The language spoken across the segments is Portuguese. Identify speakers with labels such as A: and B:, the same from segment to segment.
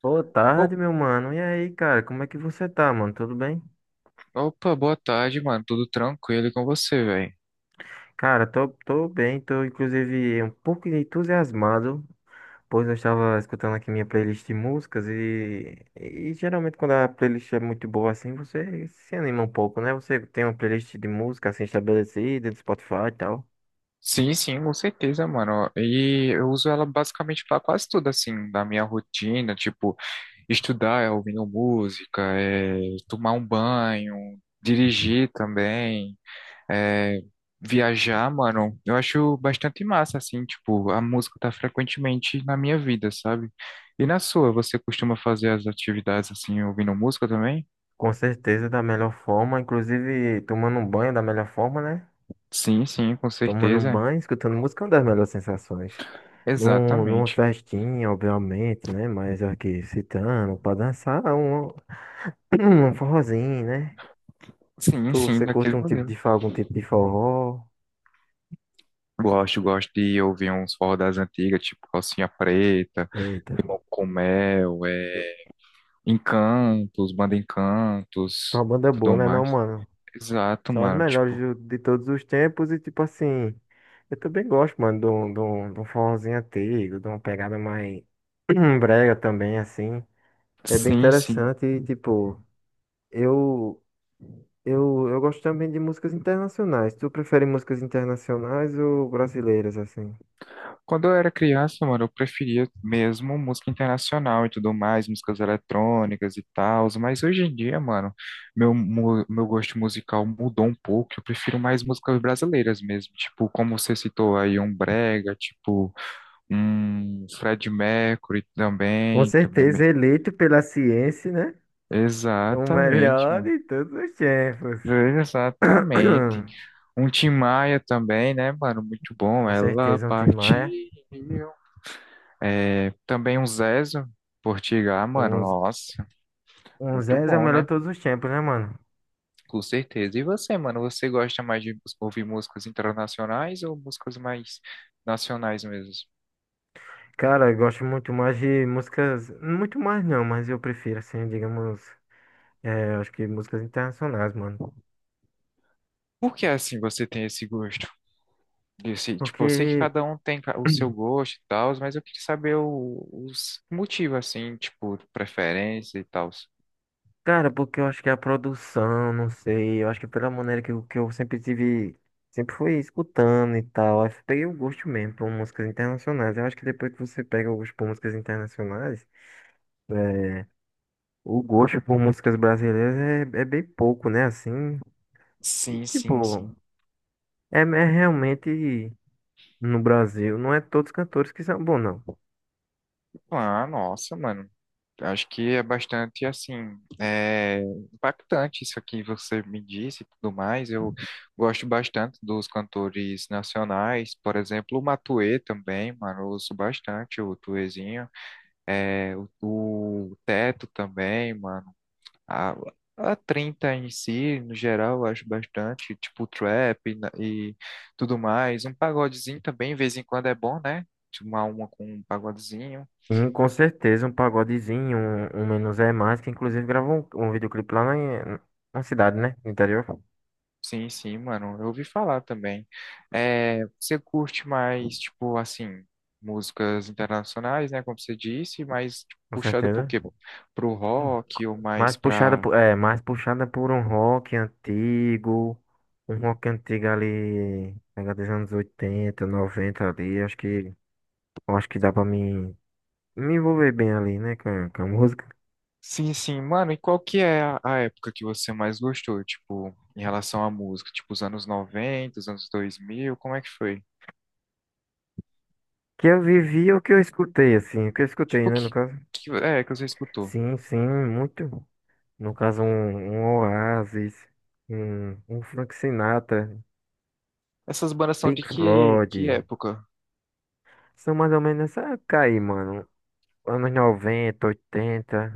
A: Boa tarde,
B: Op-
A: meu mano. E aí, cara, como é que você tá, mano? Tudo bem?
B: Opa, boa tarde, mano. Tudo tranquilo e com você, velho?
A: Cara, tô bem, tô inclusive um pouco entusiasmado, pois eu estava escutando aqui minha playlist de músicas e geralmente quando a playlist é muito boa assim, você se anima um pouco, né? Você tem uma playlist de música assim estabelecida, do Spotify e tal.
B: Sim, sim, com certeza, mano. E eu uso ela basicamente pra quase tudo, assim, da minha rotina, tipo, estudar, ouvindo música, tomar um banho, dirigir também, é, viajar, mano. Eu acho bastante massa, assim, tipo, a música tá frequentemente na minha vida, sabe? E na sua, você costuma fazer as atividades, assim, ouvindo música também?
A: Com certeza, da melhor forma, inclusive tomando um banho da melhor forma, né?
B: Sim, sim, com
A: Tomando um
B: certeza.
A: banho, escutando música é uma das melhores sensações. Numa
B: Exatamente.
A: festinha, obviamente, né? Mas aqui, citando, pra dançar, um, um forrozinho, né?
B: Sim, sim,
A: Você curte
B: daquele
A: um tipo
B: modelo.
A: de, algum tipo de forró?
B: Gosto, gosto de ouvir uns forró das antigas, tipo Calcinha Preta,
A: Eita,
B: Com Mel, é, Encantos, Banda Encantos,
A: tua banda é
B: tudo
A: boa, né não,
B: mais.
A: mano?
B: Exato,
A: São as
B: mano,
A: melhores
B: tipo,
A: de todos os tempos e, tipo assim, eu também gosto, mano, de um forrozinho antigo, de uma pegada mais brega também, assim. É bem
B: sim, sim.
A: interessante e, tipo, eu, eu gosto também de músicas internacionais. Tu prefere músicas internacionais ou brasileiras, assim?
B: Quando eu era criança, mano, eu preferia mesmo música internacional e tudo mais, músicas eletrônicas e tal, mas hoje em dia, mano, meu gosto musical mudou um pouco, eu prefiro mais músicas brasileiras mesmo, tipo, como você citou aí, um brega, tipo Fred Mercury
A: Com
B: também, também.
A: certeza,
B: me-
A: eleito pela ciência, né? O
B: Exatamente,
A: melhor
B: mano.
A: de todos os tempos.
B: Exatamente. Um Tim Maia também, né, mano? Muito bom.
A: Com
B: Ela
A: certeza, um Tim
B: partiu.
A: Maia.
B: É, também um Zezo Portigal, mano.
A: Um,
B: Nossa,
A: um
B: muito
A: Zez é o
B: bom,
A: melhor
B: né?
A: de todos os tempos, né, mano?
B: Com certeza. E você, mano? Você gosta mais de ouvir músicas internacionais ou músicas mais nacionais mesmo?
A: Cara, eu gosto muito mais de músicas. Muito mais não, mas eu prefiro, assim, digamos. É, eu acho que músicas internacionais, mano.
B: Por que assim você tem esse gosto? Disse, tipo, eu sei que
A: Porque.
B: cada um tem o seu gosto e tal, mas eu queria saber os motivos, assim, tipo, preferência e tal.
A: Cara, porque eu acho que a produção, não sei, eu acho que pela maneira que, que eu sempre tive, sempre fui escutando e tal, aí eu peguei o gosto mesmo por músicas internacionais. Eu acho que depois que você pega o gosto por músicas internacionais, é, o gosto por músicas brasileiras é bem pouco, né? Assim, e,
B: Sim, sim,
A: tipo,
B: sim.
A: é realmente no Brasil, não é todos os cantores que são bons, não.
B: Ah, nossa, mano. Acho que é bastante, assim, é, impactante isso aqui que você me disse e tudo mais. Eu gosto bastante dos cantores nacionais, por exemplo, o Matuê também, mano. Eu ouço bastante o Tuezinho. É, o, o Teto também, mano. A, a 30 em si, no geral, eu acho bastante, tipo trap e tudo mais. Um pagodezinho também, de vez em quando é bom, né? Tipo, Uma com um pagodezinho.
A: E, com certeza um pagodezinho, um Menos é Mais, que inclusive gravou um, um videoclipe lá na, na cidade, né? No interior, com
B: Sim, sim, mano, eu ouvi falar também. É, você curte mais, tipo, assim, músicas internacionais, né? Como você disse, mas tipo, puxado pro
A: certeza.
B: quê? Pro rock ou
A: Mais
B: mais
A: puxada
B: pra
A: por, é, mais puxada por um rock antigo ali, pega dos anos 80 90 ali, acho que, eu acho que dá pra mim me envolver bem ali, né, com a música.
B: sim, sim. Mano, e qual que é a época que você mais gostou, tipo, em relação à música? Tipo, os anos 90 os anos 2000 como é que foi?
A: Que eu vivi o que eu escutei, assim, o que eu escutei,
B: Tipo,
A: né, no caso.
B: que é que você escutou?
A: Sim, sim, muito. No caso, um Oasis, um Frank Sinatra,
B: Essas bandas são de
A: Pink
B: que
A: Floyd.
B: época?
A: São mais ou menos essa época aí, mano. Anos 90 80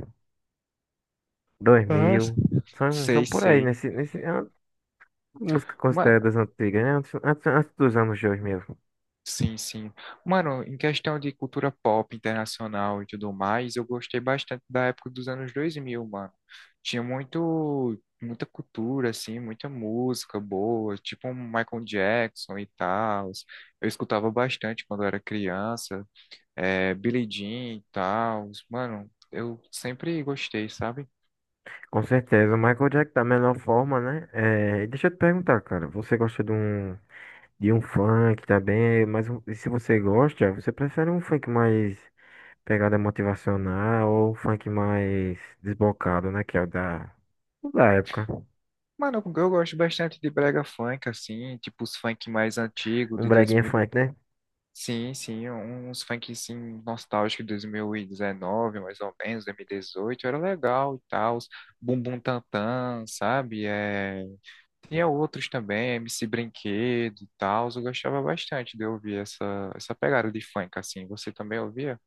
A: dois
B: Ah,
A: mil. São, são
B: sei,
A: por aí,
B: sei.
A: nesse, nesse, é uma música considerada das antigas, né? Antes, antes, antes dos anos 2000.
B: Sim, sim. Mano, em questão de cultura pop internacional e tudo mais, eu gostei bastante da época dos anos 2000, mano. Tinha muita cultura, assim, muita música boa, tipo um Michael Jackson e tal. Eu escutava bastante quando eu era criança, é, Billie Jean e tal. Mano, eu sempre gostei, sabe?
A: Com certeza, o Michael Jackson da melhor forma, né? É, e deixa eu te perguntar, cara, você gosta de um funk também, mas e se você gosta, você prefere um funk mais pegada motivacional ou um funk mais desbocado, né? Que é o da época.
B: Mano, eu gosto bastante de brega funk, assim, tipo os funk mais antigos,
A: Um
B: de
A: breguinha funk, né?
B: sim, sim, uns funk assim, nostálgico de 2019, mais ou menos, 2018, era legal e tal. Bumbum Tantan, sabe? É... Tinha outros também, MC Brinquedo e tal. Eu gostava bastante de ouvir essa pegada de funk, assim. Você também ouvia?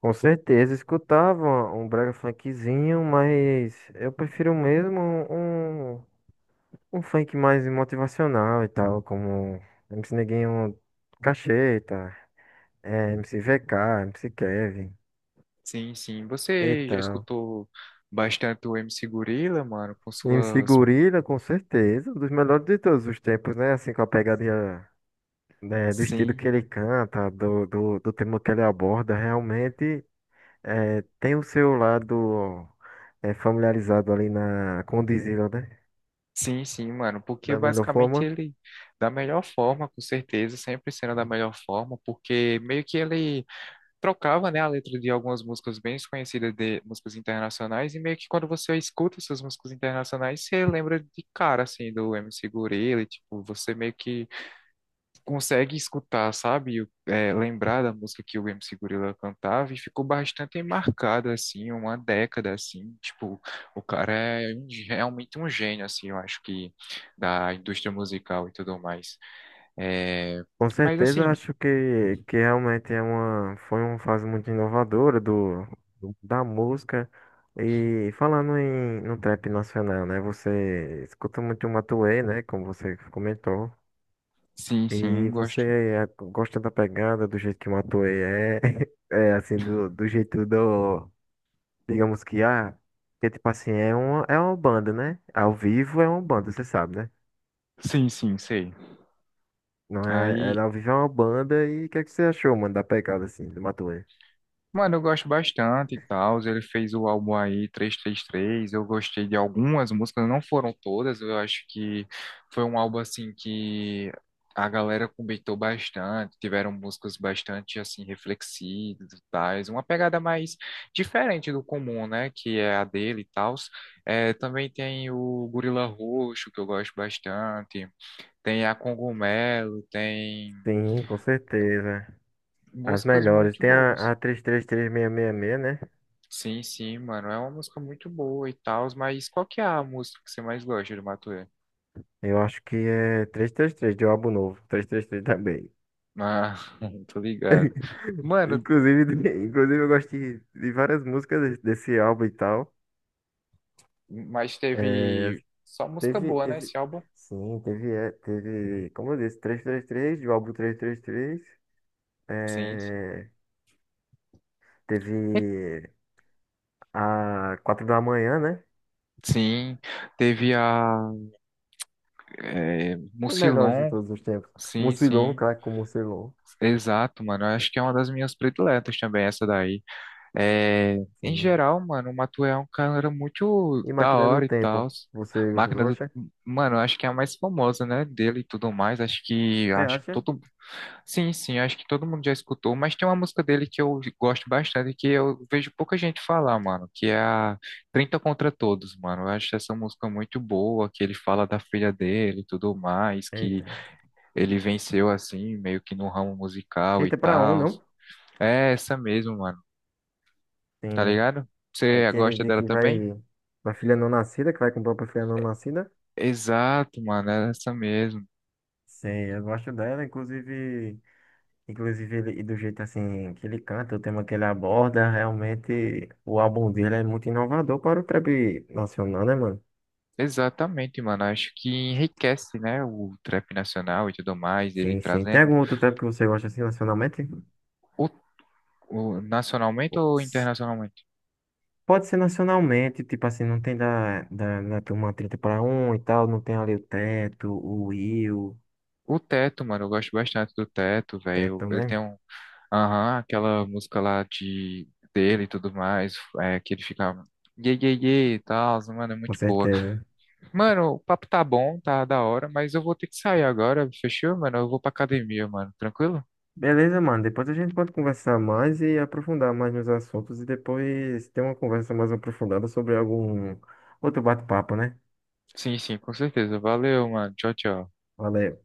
A: Com certeza, escutava um brega funkzinho, mas eu prefiro mesmo um um funk mais motivacional e tal, como MC Neguinho Cacheta, eh, MC VK, MC Kevin
B: Sim, sim.
A: e
B: Você já
A: tal.
B: escutou bastante o MC Gorila, mano, com
A: MC
B: suas.
A: Gorila, com certeza, um dos melhores de todos os tempos, né? Assim, com a pegada né, do estilo
B: Sim.
A: que ele canta, do tema que ele aborda, realmente é tem o seu lado é familiarizado ali na, com o Dizila, né?
B: Sim, sim, mano, porque
A: Da melhor
B: basicamente
A: forma.
B: ele, da melhor forma, com certeza, sempre sendo da melhor forma, porque meio que ele trocava, né, a letra de algumas músicas bem conhecidas de músicas internacionais, e meio que quando você escuta essas músicas internacionais, você lembra de cara, assim, do MC Gorilla, e, tipo, você meio que consegue escutar, sabe? É, lembrar da música que o MC Gorilla cantava e ficou bastante marcado, assim, uma década, assim, tipo, o cara é realmente um gênio, assim, eu acho que da indústria musical e tudo mais. É,
A: Com
B: mas
A: certeza, eu
B: assim,
A: acho que realmente é uma, foi uma fase muito inovadora da música. E falando em, no trap nacional, né? Você escuta muito o Matuê, né? Como você comentou.
B: sim,
A: E
B: sim,
A: você
B: gosto.
A: eh, gosta da pegada, do jeito que o Matuê é, é assim, do, do jeito do, digamos que, ah, que tipo assim, é uma banda, né? Ao vivo é uma banda, você sabe, né?
B: Sim, sim, sei.
A: Não é, é,
B: Aí,
A: ao vivo é uma banda e o que é que você achou, mano, da pegada, assim, do Matuê?
B: mano, eu gosto bastante e tal. Ele fez o álbum aí três três três. Eu gostei de algumas músicas, não foram todas. Eu acho que foi um álbum assim que a galera comentou bastante. Tiveram músicas bastante assim reflexivas e tais. Uma pegada mais diferente do comum, né? Que é a dele e tal. É, também tem o Gorila Roxo, que eu gosto bastante. Tem a Cogumelo, tem
A: Sim, com certeza. As
B: músicas
A: melhores.
B: muito
A: Tem
B: boas.
A: a 333666, né?
B: Sim, sim, mano. É uma música muito boa e tal, mas qual que é a música que você mais gosta do Matuê?
A: Eu acho que é 333 de um álbum novo. 333 também.
B: Ah, tô ligado. Mano,
A: Inclusive, inclusive eu gosto de várias músicas desse álbum e tal.
B: mas
A: É,
B: teve só música
A: teve,
B: boa, né,
A: teve,
B: esse álbum?
A: teve, como eu disse, 333, de um álbum 333.
B: Sim, sim.
A: É,
B: E-
A: teve a 4 da manhã, né?
B: Sim, teve a
A: A melhor de
B: Mucilon,
A: todos os tempos.
B: sim,
A: Mucilon,
B: sim.
A: craque com Mucilon.
B: Exato, mano. Eu acho que é uma das minhas prediletas também, essa daí. É, em
A: Sim.
B: geral, mano, o Matuê é um cara muito
A: E
B: da
A: Máquina do
B: hora e
A: Tempo,
B: tal.
A: você
B: Máquina do.
A: gosta?
B: Mano, acho que é a mais famosa, né? Dele e tudo mais. Acho que.
A: Você
B: Acho que
A: acha?
B: todo. Sim, sim, acho que todo mundo já escutou. Mas tem uma música dele que eu gosto bastante e que eu vejo pouca gente falar, mano. Que é a 30 contra Todos, mano. Eu acho essa música muito boa, que ele fala da filha dele e tudo mais, que
A: Eita.
B: ele venceu assim, meio que no ramo musical e
A: 30 para um
B: tal.
A: não?
B: É essa mesmo, mano, tá
A: Tem.
B: ligado?
A: É
B: Você
A: aquele
B: gosta
A: dia
B: dela
A: que
B: também?
A: vai. Uma filha não nascida, que vai comprar pra filha não nascida.
B: Exato, mano, é essa mesmo.
A: Sei, eu gosto dela, inclusive, inclusive ele, e do jeito assim que ele canta, o tema que ele aborda, realmente o álbum dele é muito inovador para o trap nacional, né, mano?
B: Exatamente, mano. Acho que enriquece, né, o trap nacional e tudo mais, ele
A: Sim, sim. Tem
B: trazendo
A: algum outro trap que você gosta assim nacionalmente?
B: o, o- nacionalmente ou internacionalmente?
A: Pode ser nacionalmente, tipo assim, não tem da turma 30 para 1 e tal, não tem ali o Teto, o Will,
B: O Teto, mano, eu gosto bastante do Teto, velho.
A: Teto,
B: Ele tem
A: né?
B: um, aham, aquela música lá de dele e tudo mais, é, que ele fica ye ye ye e tal, mano, é
A: Com
B: muito boa.
A: certeza.
B: Mano, o papo tá bom, tá da hora, mas eu vou ter que sair agora, fechou, mano? Eu vou pra academia, mano. Tranquilo?
A: Beleza, mano. Depois a gente pode conversar mais e aprofundar mais nos assuntos e depois ter uma conversa mais aprofundada sobre algum outro bate-papo, né?
B: Sim, sim, com certeza. Valeu, mano. Tchau, tchau.
A: Valeu.